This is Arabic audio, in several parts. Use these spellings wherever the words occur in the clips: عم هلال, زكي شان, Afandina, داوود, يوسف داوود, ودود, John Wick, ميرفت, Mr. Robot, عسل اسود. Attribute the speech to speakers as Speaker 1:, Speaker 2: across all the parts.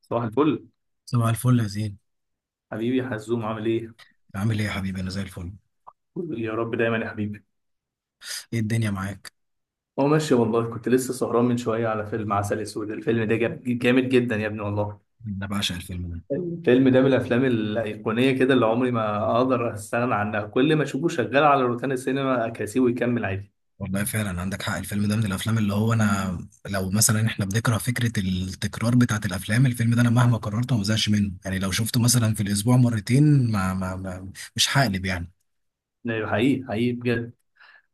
Speaker 1: صباح الفل.
Speaker 2: صباح الفل يا زين.
Speaker 1: حبيبي يا حزوم، عامل ايه؟
Speaker 2: عامل ايه يا حبيبي، انا زي الفل.
Speaker 1: قول يا رب دايما يا حبيبي.
Speaker 2: ايه الدنيا معاك؟
Speaker 1: هو ماشي والله، كنت لسه سهران من شويه على فيلم عسل اسود. الفيلم ده جامد جدا يا ابني والله.
Speaker 2: انا بعشق الفيلم ده.
Speaker 1: الفيلم ده من الافلام الايقونيه كده، اللي عمري ما اقدر استغنى عنها، كل ما اشوفه شغال على روتانا السينما اكاسيه ويكمل عادي.
Speaker 2: والله فعلا عندك حق. الفيلم ده من الافلام اللي هو انا، لو مثلا احنا بنكره فكره التكرار بتاعت الافلام، الفيلم ده انا مهما قررته ما بزهقش منه. يعني لو شفته مثلا في الاسبوع مرتين ما مش هقلب يعني.
Speaker 1: لا، حقيقي حقيقي بجد.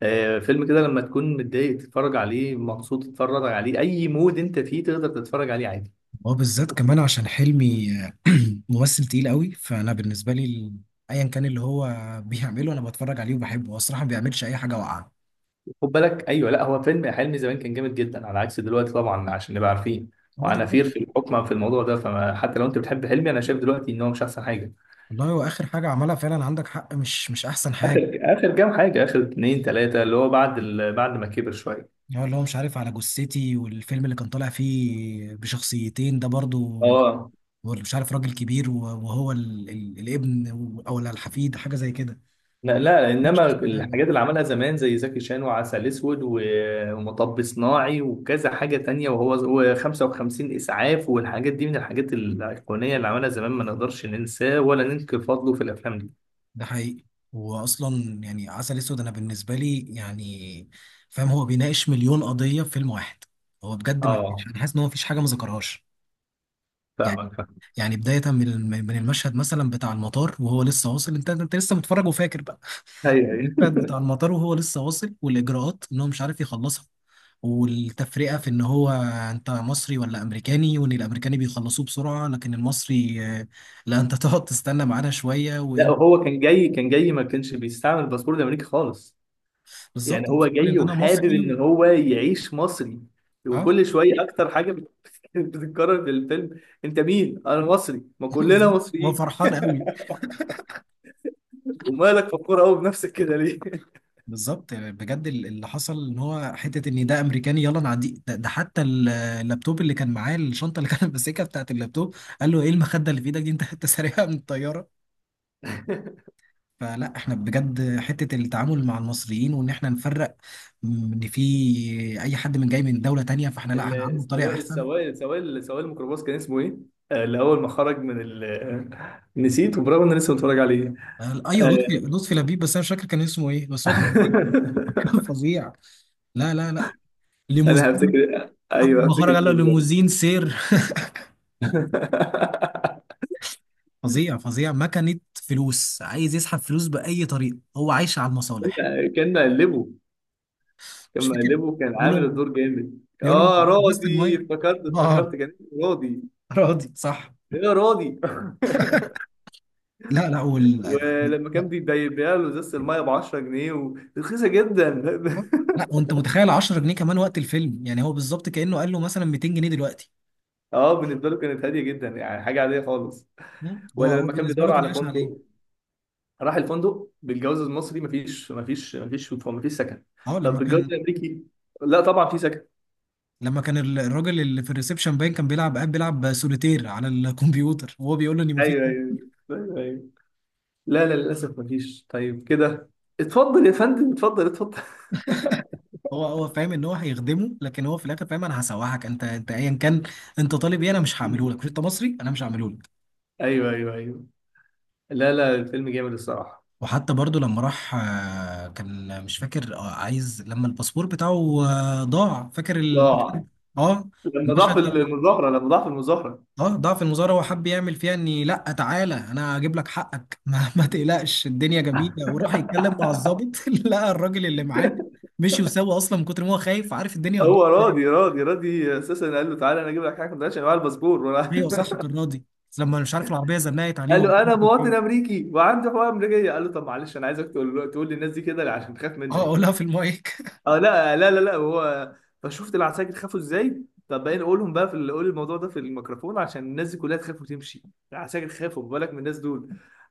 Speaker 1: آه، فيلم كده لما تكون متضايق تتفرج عليه، مبسوط تتفرج عليه، اي مود انت فيه تقدر تتفرج عليه عادي.
Speaker 2: هو بالذات كمان عشان حلمي ممثل تقيل قوي. فانا بالنسبه لي ايا كان اللي هو بيعمله انا بتفرج عليه وبحبه. هو الصراحه ما بيعملش اي حاجه واقعه.
Speaker 1: خد بالك، ايوه، لا هو فيلم حلمي زمان كان جامد جدا على عكس دلوقتي طبعا عشان نبقى عارفين.
Speaker 2: هو دلوقتي،
Speaker 1: وعنافير في الحكم في الموضوع ده، فما حتى لو انت بتحب حلمي انا شايف دلوقتي ان هو مش احسن حاجه.
Speaker 2: والله هو اخر حاجه عملها، فعلا عندك حق، مش احسن حاجه.
Speaker 1: اخر اخر كام حاجه، اخر اتنين تلاته، اللي هو بعد ما كبر شويه.
Speaker 2: هو اللي هو مش عارف على جثتي، والفيلم اللي كان طالع فيه بشخصيتين ده برضو،
Speaker 1: اه،
Speaker 2: مش عارف راجل كبير وهو الابن او الحفيد حاجه زي كده.
Speaker 1: لا لا،
Speaker 2: مش
Speaker 1: انما
Speaker 2: عارف حاجة.
Speaker 1: الحاجات اللي عملها زمان زي زكي شان وعسل اسود ومطب صناعي وكذا حاجه تانية، وهو 55 اسعاف، والحاجات دي من الحاجات الايقونيه اللي عملها زمان، ما نقدرش ننساه ولا ننكر فضله في الافلام دي.
Speaker 2: ده حقيقي. واصلا يعني عسل اسود انا بالنسبه لي يعني فاهم، هو بيناقش مليون قضيه في فيلم واحد. هو بجد ما فيش،
Speaker 1: اه،
Speaker 2: انا حاسس ان هو ما فيش حاجه ما ذكرهاش. يعني
Speaker 1: فاهمك فاهمك.
Speaker 2: يعني بدايه من من المشهد مثلا بتاع المطار وهو لسه واصل، انت لسه متفرج وفاكر بقى
Speaker 1: ايوه ايوه،
Speaker 2: التراك بتاع المطار وهو لسه واصل، والاجراءات ان هو مش عارف يخلصها، والتفرقه في ان هو انت مصري ولا امريكاني، وان الامريكاني بيخلصوه بسرعه لكن المصري لا انت تقعد تستنى معانا شويه
Speaker 1: لا
Speaker 2: وايه.
Speaker 1: هو كان جاي ما كانش بيستعمل الباسبور الامريكي خالص.
Speaker 2: بالظبط،
Speaker 1: يعني هو
Speaker 2: فاكر
Speaker 1: جاي
Speaker 2: ان انا
Speaker 1: وحابب
Speaker 2: مصري و...
Speaker 1: ان هو يعيش مصري.
Speaker 2: اه
Speaker 1: وكل شويه اكتر حاجه بتتكرر في الفيلم: انت مين؟ انا مصري، ما كلنا
Speaker 2: بالظبط هو
Speaker 1: مصريين.
Speaker 2: فرحان قوي.
Speaker 1: ومالك فخور قوي بنفسك كده ليه؟
Speaker 2: بالظبط بجد. اللي حصل ان هو حته ان ده امريكاني يلا نعديه ده حتى اللابتوب اللي كان معاه، الشنطه اللي كان ماسكها بتاعت اللابتوب، قال له ايه المخده اللي في ايدك دي؟ انت سارقها من الطياره. فلا احنا بجد حتة التعامل مع المصريين، وان احنا نفرق ان في اي حد من جاي من دولة تانية، فاحنا
Speaker 1: ال-
Speaker 2: لا هنعامله بطريقة
Speaker 1: السواق
Speaker 2: احسن.
Speaker 1: السواق السواق سواق الميكروباص كان اسمه ايه؟ اللي هو ما خرج من نسيت، وبرغم ان انا لسه متفرج عليه.
Speaker 2: ايوه، لطفي
Speaker 1: آه.
Speaker 2: لطفي لبيب. بس انا مش فاكر كان اسمه ايه، بس هو كان فظيع. كان فظيع. لا لا لا،
Speaker 1: انا
Speaker 2: ليموزين.
Speaker 1: هفتكر،
Speaker 2: اول
Speaker 1: ايوه
Speaker 2: ما
Speaker 1: هفتكر
Speaker 2: خرج قال له
Speaker 1: اسمه دلوقتي.
Speaker 2: ليموزين سير. فظيع فظيع. مكنة فلوس، عايز يسحب فلوس بأي طريقة، هو عايش على المصالح.
Speaker 1: كان مقلبه كان
Speaker 2: مش فاكر.
Speaker 1: مقلبه كان
Speaker 2: بيقول
Speaker 1: عامل
Speaker 2: له
Speaker 1: الدور جامد.
Speaker 2: بيقول له
Speaker 1: اه
Speaker 2: بس
Speaker 1: راضي،
Speaker 2: المية.
Speaker 1: افتكرت
Speaker 2: اه
Speaker 1: افتكرت كان اسمه راضي.
Speaker 2: راضي صح.
Speaker 1: ايه يا راضي؟
Speaker 2: لا لا
Speaker 1: ولما كان بيبيع له ازازه الميه ب 10 جنيه، ورخيصه جدا.
Speaker 2: لا، وانت متخيل 10 جنيه كمان وقت الفيلم؟ يعني هو بالظبط كانه قال له مثلا 200 جنيه دلوقتي.
Speaker 1: اه، بالنسبه له كانت هاديه جدا، يعني حاجه عاديه خالص.
Speaker 2: مم. هو
Speaker 1: ولا
Speaker 2: هو
Speaker 1: لما كان
Speaker 2: بالنسبه له
Speaker 1: بيدور
Speaker 2: كان
Speaker 1: على
Speaker 2: عايش عليه.
Speaker 1: فندق، راح الفندق بالجواز المصري: مفيش سكن.
Speaker 2: اه
Speaker 1: طب
Speaker 2: لما
Speaker 1: بالجواز
Speaker 2: كان،
Speaker 1: الامريكي، لا طبعا في سكن.
Speaker 2: الراجل اللي في الريسبشن باين كان بيلعب، قاعد بيلعب سوليتير على الكمبيوتر، وهو بيقول له ان مفيش.
Speaker 1: ايوه ايوه ايوه، أيوة. لا لا، للاسف مفيش. طيب كده، اتفضل يا فندم، اتفضل اتفضل.
Speaker 2: هو فاهم ان هو هيخدمه، لكن هو في الاخر فاهم انا هسوحك، انت ايا كان انت طالب ايه، انا مش هعمله لك. مش انت مصري؟ انا مش هعمله لك.
Speaker 1: ايوه ايوه ايوه. لا لا، الفيلم جامد الصراحه.
Speaker 2: وحتى برضو لما راح، كان مش فاكر، عايز لما الباسبور بتاعه ضاع. فاكر
Speaker 1: ضاع،
Speaker 2: اه،
Speaker 1: لما ضاع في
Speaker 2: المشهد.
Speaker 1: المظاهره لما ضاع في المظاهره
Speaker 2: اه ضعف المظاهرة، هو حب يعمل فيها اني لا تعالى انا هجيب لك حقك ما تقلقش، الدنيا جميلة، وراح يتكلم مع الضابط. لقى الراجل اللي معاه مشي وسوى اصلا من كتر ما هو خايف، عارف الدنيا هتبوظ
Speaker 1: هو
Speaker 2: إزاي.
Speaker 1: راضي اساسا قال له: تعالى انا اجيب لك حاجه، ما تقولش معايا الباسبور ولا.
Speaker 2: ايوه صح، كان راضي. بس لما مش عارف، العربية زنقت عليه
Speaker 1: قال
Speaker 2: والله.
Speaker 1: له: انا مواطن امريكي وعندي حقوق امريكيه. قال له: طب معلش، انا عايزك تقول تقول للناس دي كده عشان تخاف
Speaker 2: اه
Speaker 1: منك.
Speaker 2: قولها في المايك.
Speaker 1: اه لا لا لا لا، هو فشفت العساكر خافوا ازاي. طب بقى نقولهم بقى قول الموضوع ده في الميكروفون، عشان الناس دي كلها تخاف وتمشي. العساكر خافوا، ما بالك من الناس دول.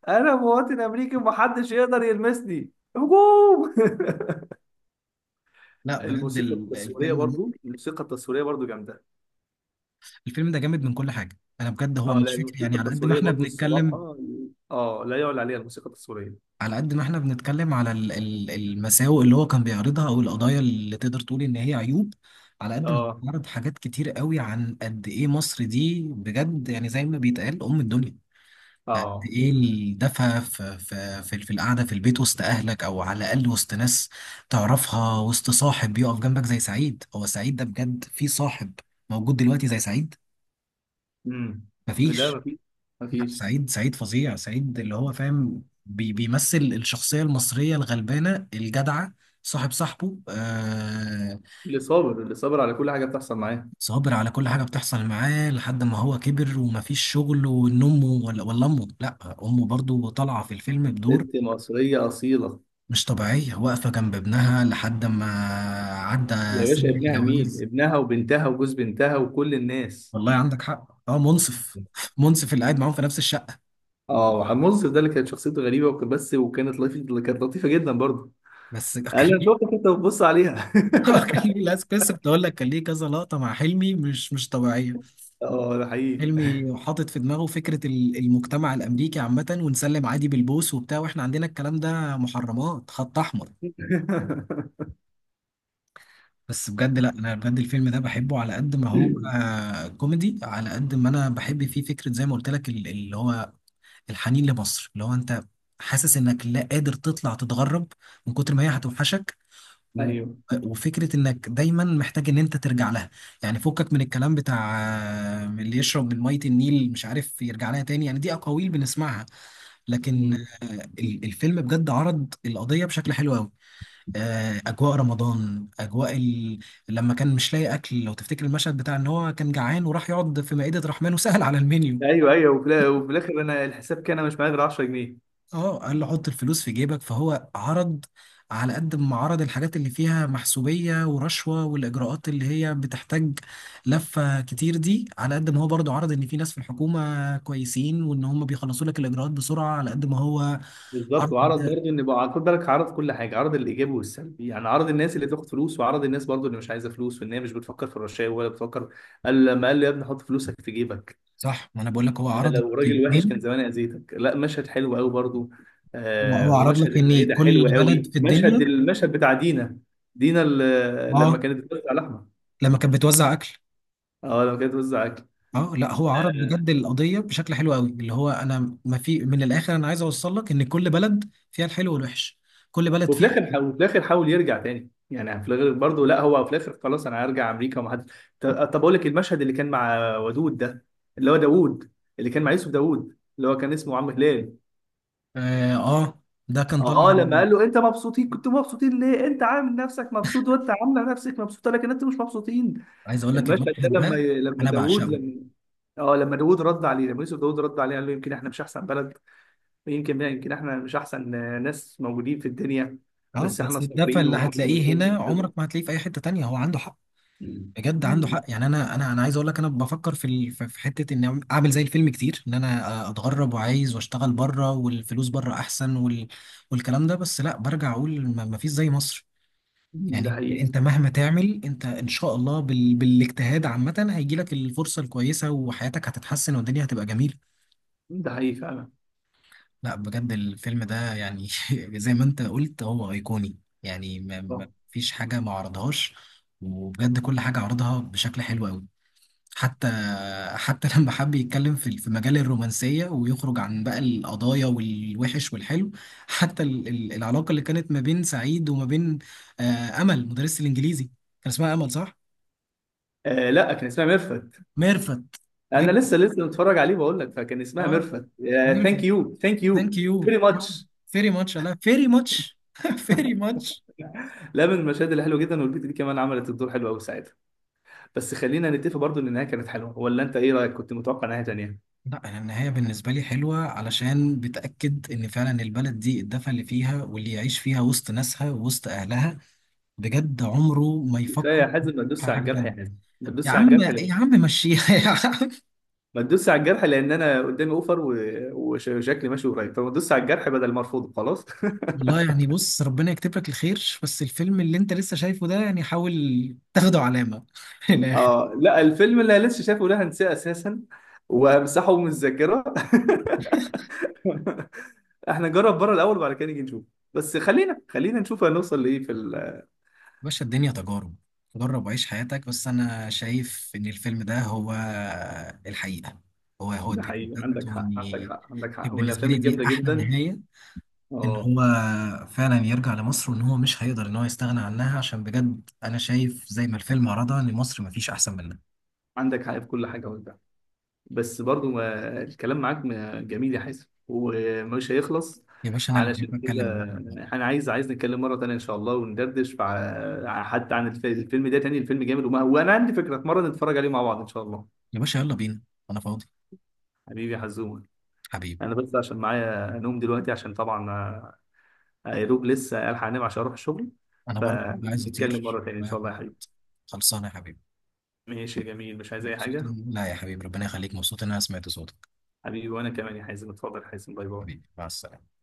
Speaker 1: انا مواطن امريكي ومحدش يقدر يلمسني، هجوم.
Speaker 2: لا بجد
Speaker 1: الموسيقى التصويريه
Speaker 2: الفيلم،
Speaker 1: برضو، الموسيقى التصويريه برضو جامده.
Speaker 2: الفيلم ده جامد من كل حاجة. انا بجد،
Speaker 1: اه
Speaker 2: هو
Speaker 1: لا،
Speaker 2: مش فكرة يعني،
Speaker 1: الموسيقى
Speaker 2: على قد ما
Speaker 1: التصويريه
Speaker 2: احنا
Speaker 1: برضو
Speaker 2: بنتكلم
Speaker 1: الصراحه. اه لا، يعلى عليها الموسيقى التصويريه.
Speaker 2: على قد ما احنا بنتكلم على المساوئ اللي هو كان بيعرضها او القضايا اللي تقدر تقول ان هي عيوب، على قد ما
Speaker 1: اه،
Speaker 2: بيعرض حاجات كتير قوي عن قد ايه مصر دي بجد، يعني زي ما بيتقال ام الدنيا. قد
Speaker 1: اه،
Speaker 2: ايه الدفى في القعده في البيت وسط اهلك، او على الاقل وسط ناس تعرفها، وسط صاحب يقف جنبك زي سعيد. هو سعيد ده، بجد في صاحب موجود دلوقتي زي سعيد؟
Speaker 1: امم، لا
Speaker 2: مفيش.
Speaker 1: مفيش،
Speaker 2: لا،
Speaker 1: مفيش.
Speaker 2: سعيد سعيد فظيع. سعيد اللي هو فاهم، بيمثل الشخصية المصرية الغلبانة الجدعة، صاحب صاحبه.
Speaker 1: اللي صابر على كل حاجه بتحصل معاه.
Speaker 2: صابر على كل حاجة بتحصل معاه لحد ما هو كبر ومفيش شغل، وان امه ولا امه لا، امه برضو طالعة في الفيلم بدور
Speaker 1: ست مصريه اصيله.
Speaker 2: مش طبيعية، واقفة جنب ابنها لحد ما عدى
Speaker 1: يا باشا،
Speaker 2: سن
Speaker 1: ابنها مين،
Speaker 2: الجواز.
Speaker 1: ابنها وبنتها وجوز بنتها وكل الناس.
Speaker 2: والله عندك حق. اه منصف، منصف اللي قاعد معاهم في نفس الشقة.
Speaker 1: اه، وحمد منصف ده اللي كانت شخصيته غريبه، وكان بس، وكانت لطيفه، اللي كانت لطيفه جدا برضه.
Speaker 2: بس
Speaker 1: قال لي:
Speaker 2: كان
Speaker 1: انا شفتك انت بتبص عليها.
Speaker 2: كان ليه لازم، لسه كنت اقول لك كان ليه كذا لقطه مع حلمي مش طبيعيه.
Speaker 1: اه ده حقيقي.
Speaker 2: حلمي حاطط في دماغه فكره المجتمع الامريكي عامه، ونسلم عادي بالبوس وبتاع، واحنا عندنا الكلام ده محرمات، خط احمر. بس بجد لا، انا بجد الفيلم ده بحبه على قد ما هو كوميدي، على قد ما انا بحب فيه فكره زي ما قلت لك، اللي هو الحنين لمصر، اللي هو انت حاسس انك لا قادر تطلع تتغرب من كتر ما هي هتوحشك، و-
Speaker 1: ايوه،
Speaker 2: وفكرة انك دايما محتاج ان انت ترجع لها. يعني فكك من الكلام بتاع اللي يشرب من مية النيل مش عارف يرجع لها تاني، يعني دي اقاويل بنسمعها. لكن
Speaker 1: مم.
Speaker 2: آه، الفيلم بجد عرض القضية بشكل حلو قوي. اجواء رمضان، اجواء لما كان مش لاقي اكل، لو تفتكر المشهد بتاع ان هو كان جعان، وراح يقعد في مائدة رحمن وسهل على المنيو.
Speaker 1: ايوه ايوه، وفي الاخر انا الحساب كان، انا مش معايا غير 10 جنيه.
Speaker 2: اه قال له حط الفلوس في جيبك. فهو عرض، على قد ما عرض الحاجات اللي فيها محسوبية ورشوة والإجراءات اللي هي بتحتاج لفة كتير دي، على قد ما هو برضه عرض إن في ناس في الحكومة كويسين وإن هم بيخلصوا لك الإجراءات بسرعة. على قد ما هو
Speaker 1: بالظبط،
Speaker 2: عرض
Speaker 1: وعرض برضه، ان بقى خد بالك، عرض كل حاجه، عرض الايجابي والسلبي، يعني عرض الناس اللي بتاخد فلوس وعرض الناس برضه اللي مش عايزه فلوس وان هي مش بتفكر في الرشاوي ولا بتفكر. لما قال لي: يا ابني حط فلوسك في جيبك،
Speaker 2: صح. ما أنا بقول لك هو
Speaker 1: انا
Speaker 2: عرض
Speaker 1: لو راجل وحش كان
Speaker 2: نقطتين.
Speaker 1: زمان اذيتك. لا مشهد حلو قوي برضه.
Speaker 2: هو
Speaker 1: آه،
Speaker 2: عرض
Speaker 1: ومشهد
Speaker 2: لك إن
Speaker 1: العيله
Speaker 2: كل
Speaker 1: حلو
Speaker 2: بلد
Speaker 1: قوي،
Speaker 2: في
Speaker 1: مشهد
Speaker 2: الدنيا.
Speaker 1: المشهد بتاع دينا. دينا، لما
Speaker 2: اه
Speaker 1: كانت بتوزع لحمه،
Speaker 2: لما كانت بتوزع أكل.
Speaker 1: اه لما كانت بتوزع اكل.
Speaker 2: اه لا، هو عرض بجد القضيه بشكل حلو قوي، اللي هو انا، ما في، من الاخر انا عايز اوصل لك ان كل بلد فيها الحلو والوحش، كل بلد
Speaker 1: وفي
Speaker 2: فيها.
Speaker 1: الاخر حاول وفي الاخر حاول يرجع تاني، يعني في الاخر برضه، لا هو في الاخر خلاص انا هرجع امريكا ومحدش. طب اقول لك: المشهد اللي كان مع ودود ده، اللي هو داوود، اللي كان مع يوسف داوود اللي هو كان اسمه عم هلال.
Speaker 2: اه، آه، ده كان طالع.
Speaker 1: اه، لما قال له: انت مبسوطين، كنتوا مبسوطين ليه؟ انت عامل نفسك مبسوط، وانت عامله نفسك مبسوطه، لكن انتوا مش مبسوطين.
Speaker 2: عايز اقول لك
Speaker 1: المشهد ده
Speaker 2: المشهد
Speaker 1: لما
Speaker 2: ده
Speaker 1: لما
Speaker 2: انا
Speaker 1: داوود
Speaker 2: بعشقه.
Speaker 1: لما اه لما داوود رد عليه، لما يوسف داوود رد عليه قال له: يمكن احنا مش احسن بلد، يمكن احنا مش احسن ناس موجودين في الدنيا،
Speaker 2: اه
Speaker 1: بس احنا
Speaker 2: بس الدفى
Speaker 1: صابرين
Speaker 2: اللي
Speaker 1: وكده
Speaker 2: هتلاقيه
Speaker 1: وكده
Speaker 2: هنا عمرك
Speaker 1: وكده.
Speaker 2: ما هتلاقيه في اي حته تانية. هو عنده حق.
Speaker 1: مم.
Speaker 2: بجد عنده حق.
Speaker 1: مم.
Speaker 2: يعني انا عايز اقول لك، انا بفكر في ال- في في حته ان اعمل زي الفيلم كتير، ان انا اتغرب، وعايز واشتغل بره، والفلوس بره احسن، والكلام ده. بس لا، برجع اقول ما فيش زي مصر.
Speaker 1: ده
Speaker 2: يعني
Speaker 1: حقيقي،
Speaker 2: انت مهما تعمل، انت ان شاء الله بالاجتهاد عامة هيجي لك الفرصة الكويسة، وحياتك هتتحسن، والدنيا هتبقى جميلة.
Speaker 1: ده حقيقي فعلا.
Speaker 2: لا بجد الفيلم ده يعني، زي ما انت قلت هو ايقوني، يعني ما
Speaker 1: آه
Speaker 2: فيش حاجة ما عرضهاش. وبجد كل حاجة عرضها بشكل حلو قوي. حتى لما حب يتكلم في مجال الرومانسية ويخرج عن بقى القضايا والوحش والحلو، حتى العلاقة اللي كانت ما بين سعيد وما بين أمل، مدرسة الإنجليزي. كان اسمها أمل صح؟
Speaker 1: آه، لا كان اسمها ميرفت.
Speaker 2: ميرفت.
Speaker 1: انا
Speaker 2: ميرفت.
Speaker 1: لسه لسه متفرج عليه بقول لك، فكان اسمها
Speaker 2: اه
Speaker 1: ميرفت.
Speaker 2: ميرفت.
Speaker 1: ثانك يو ثانك يو،
Speaker 2: ثانك يو
Speaker 1: فيري ماتش.
Speaker 2: فيري ماتش. لا فيري ماتش فيري ماتش.
Speaker 1: لا، من المشاهد اللي حلوه جدا، والبت دي كمان عملت الدور حلو قوي ساعتها. بس خلينا نتفق برضو ان النهايه كانت حلوه، ولا انت ايه رايك؟ كنت متوقع نهايه تانيه.
Speaker 2: لا انا النهايه بالنسبه لي حلوه، علشان بتاكد ان فعلا البلد دي الدفى اللي فيها، واللي يعيش فيها وسط ناسها وسط اهلها بجد عمره ما
Speaker 1: كفايه
Speaker 2: يفكر
Speaker 1: يا حازم، ما
Speaker 2: في
Speaker 1: تدوس على
Speaker 2: حاجه
Speaker 1: الجرح يا
Speaker 2: تانيه.
Speaker 1: حازم. ما
Speaker 2: يا
Speaker 1: تدوس على
Speaker 2: عم
Speaker 1: الجرح
Speaker 2: يا
Speaker 1: ليه؟
Speaker 2: عم مشيها يا عم.
Speaker 1: ما تدوس على الجرح، لان انا قدامي اوفر وشكلي ماشي قريب، فما تدوس على الجرح بدل ما ارفضه خلاص.
Speaker 2: والله يعني بص، ربنا يكتب لك الخير. بس الفيلم اللي انت لسه شايفه ده، يعني حاول تاخده علامه في الاخر.
Speaker 1: اه لا، الفيلم اللي أنا لسه شايفه ده هنساه اساسا، وهمسحه من الذاكره. احنا نجرب بره الاول وبعد كده نيجي نشوف. بس خلينا نشوف هنوصل لايه.
Speaker 2: باشا الدنيا تجارب، جرب وعيش حياتك. بس انا شايف ان الفيلم ده هو الحقيقه، هو
Speaker 1: ده
Speaker 2: الدنيا
Speaker 1: حقيقي،
Speaker 2: بتاعت
Speaker 1: عندك حق عندك
Speaker 2: واني.
Speaker 1: حق عندك
Speaker 2: كان
Speaker 1: حق، من
Speaker 2: بالنسبه
Speaker 1: الافلام
Speaker 2: لي دي
Speaker 1: الجامده
Speaker 2: احلى
Speaker 1: جدا.
Speaker 2: نهايه، ان
Speaker 1: اه،
Speaker 2: هو فعلا يرجع لمصر، وان هو مش هيقدر ان هو يستغنى عنها، عشان بجد انا شايف زي ما الفيلم عرضها، ان مصر مفيش احسن منها.
Speaker 1: عندك حق في كل حاجه. وانت بس برضو ما... الكلام معاك جميل يا حازم، ومش هيخلص.
Speaker 2: يا باشا انا اللي
Speaker 1: علشان
Speaker 2: بحب اتكلم
Speaker 1: كده
Speaker 2: معاكم.
Speaker 1: انا عايز نتكلم مره تانية ان شاء الله، وندردش حتى عن الفيلم ده تاني، الفيلم جامد. وانا عندي فكره في مره نتفرج عليه مع بعض ان شاء الله.
Speaker 2: يا باشا يلا بينا، انا فاضي.
Speaker 1: حبيبي يا حزومة،
Speaker 2: حبيبي.
Speaker 1: أنا بس عشان معايا نوم دلوقتي عشان طبعا، يا دوب لسه ألحق أنام عشان أروح الشغل،
Speaker 2: انا برضه عايز
Speaker 1: فنتكلم
Speaker 2: اطير
Speaker 1: مرة تانية إن
Speaker 2: رايح.
Speaker 1: شاء الله يا حبيبي.
Speaker 2: خلصانه يا حبيبي.
Speaker 1: ماشي يا جميل، مش عايز أي
Speaker 2: مبسوط
Speaker 1: حاجة.
Speaker 2: لا يا حبيبي ربنا يخليك، مبسوط ان انا سمعت صوتك.
Speaker 1: حبيبي وأنا كمان يا حازم، اتفضل يا حازم، باي باي.
Speaker 2: حبيبي مع السلامه.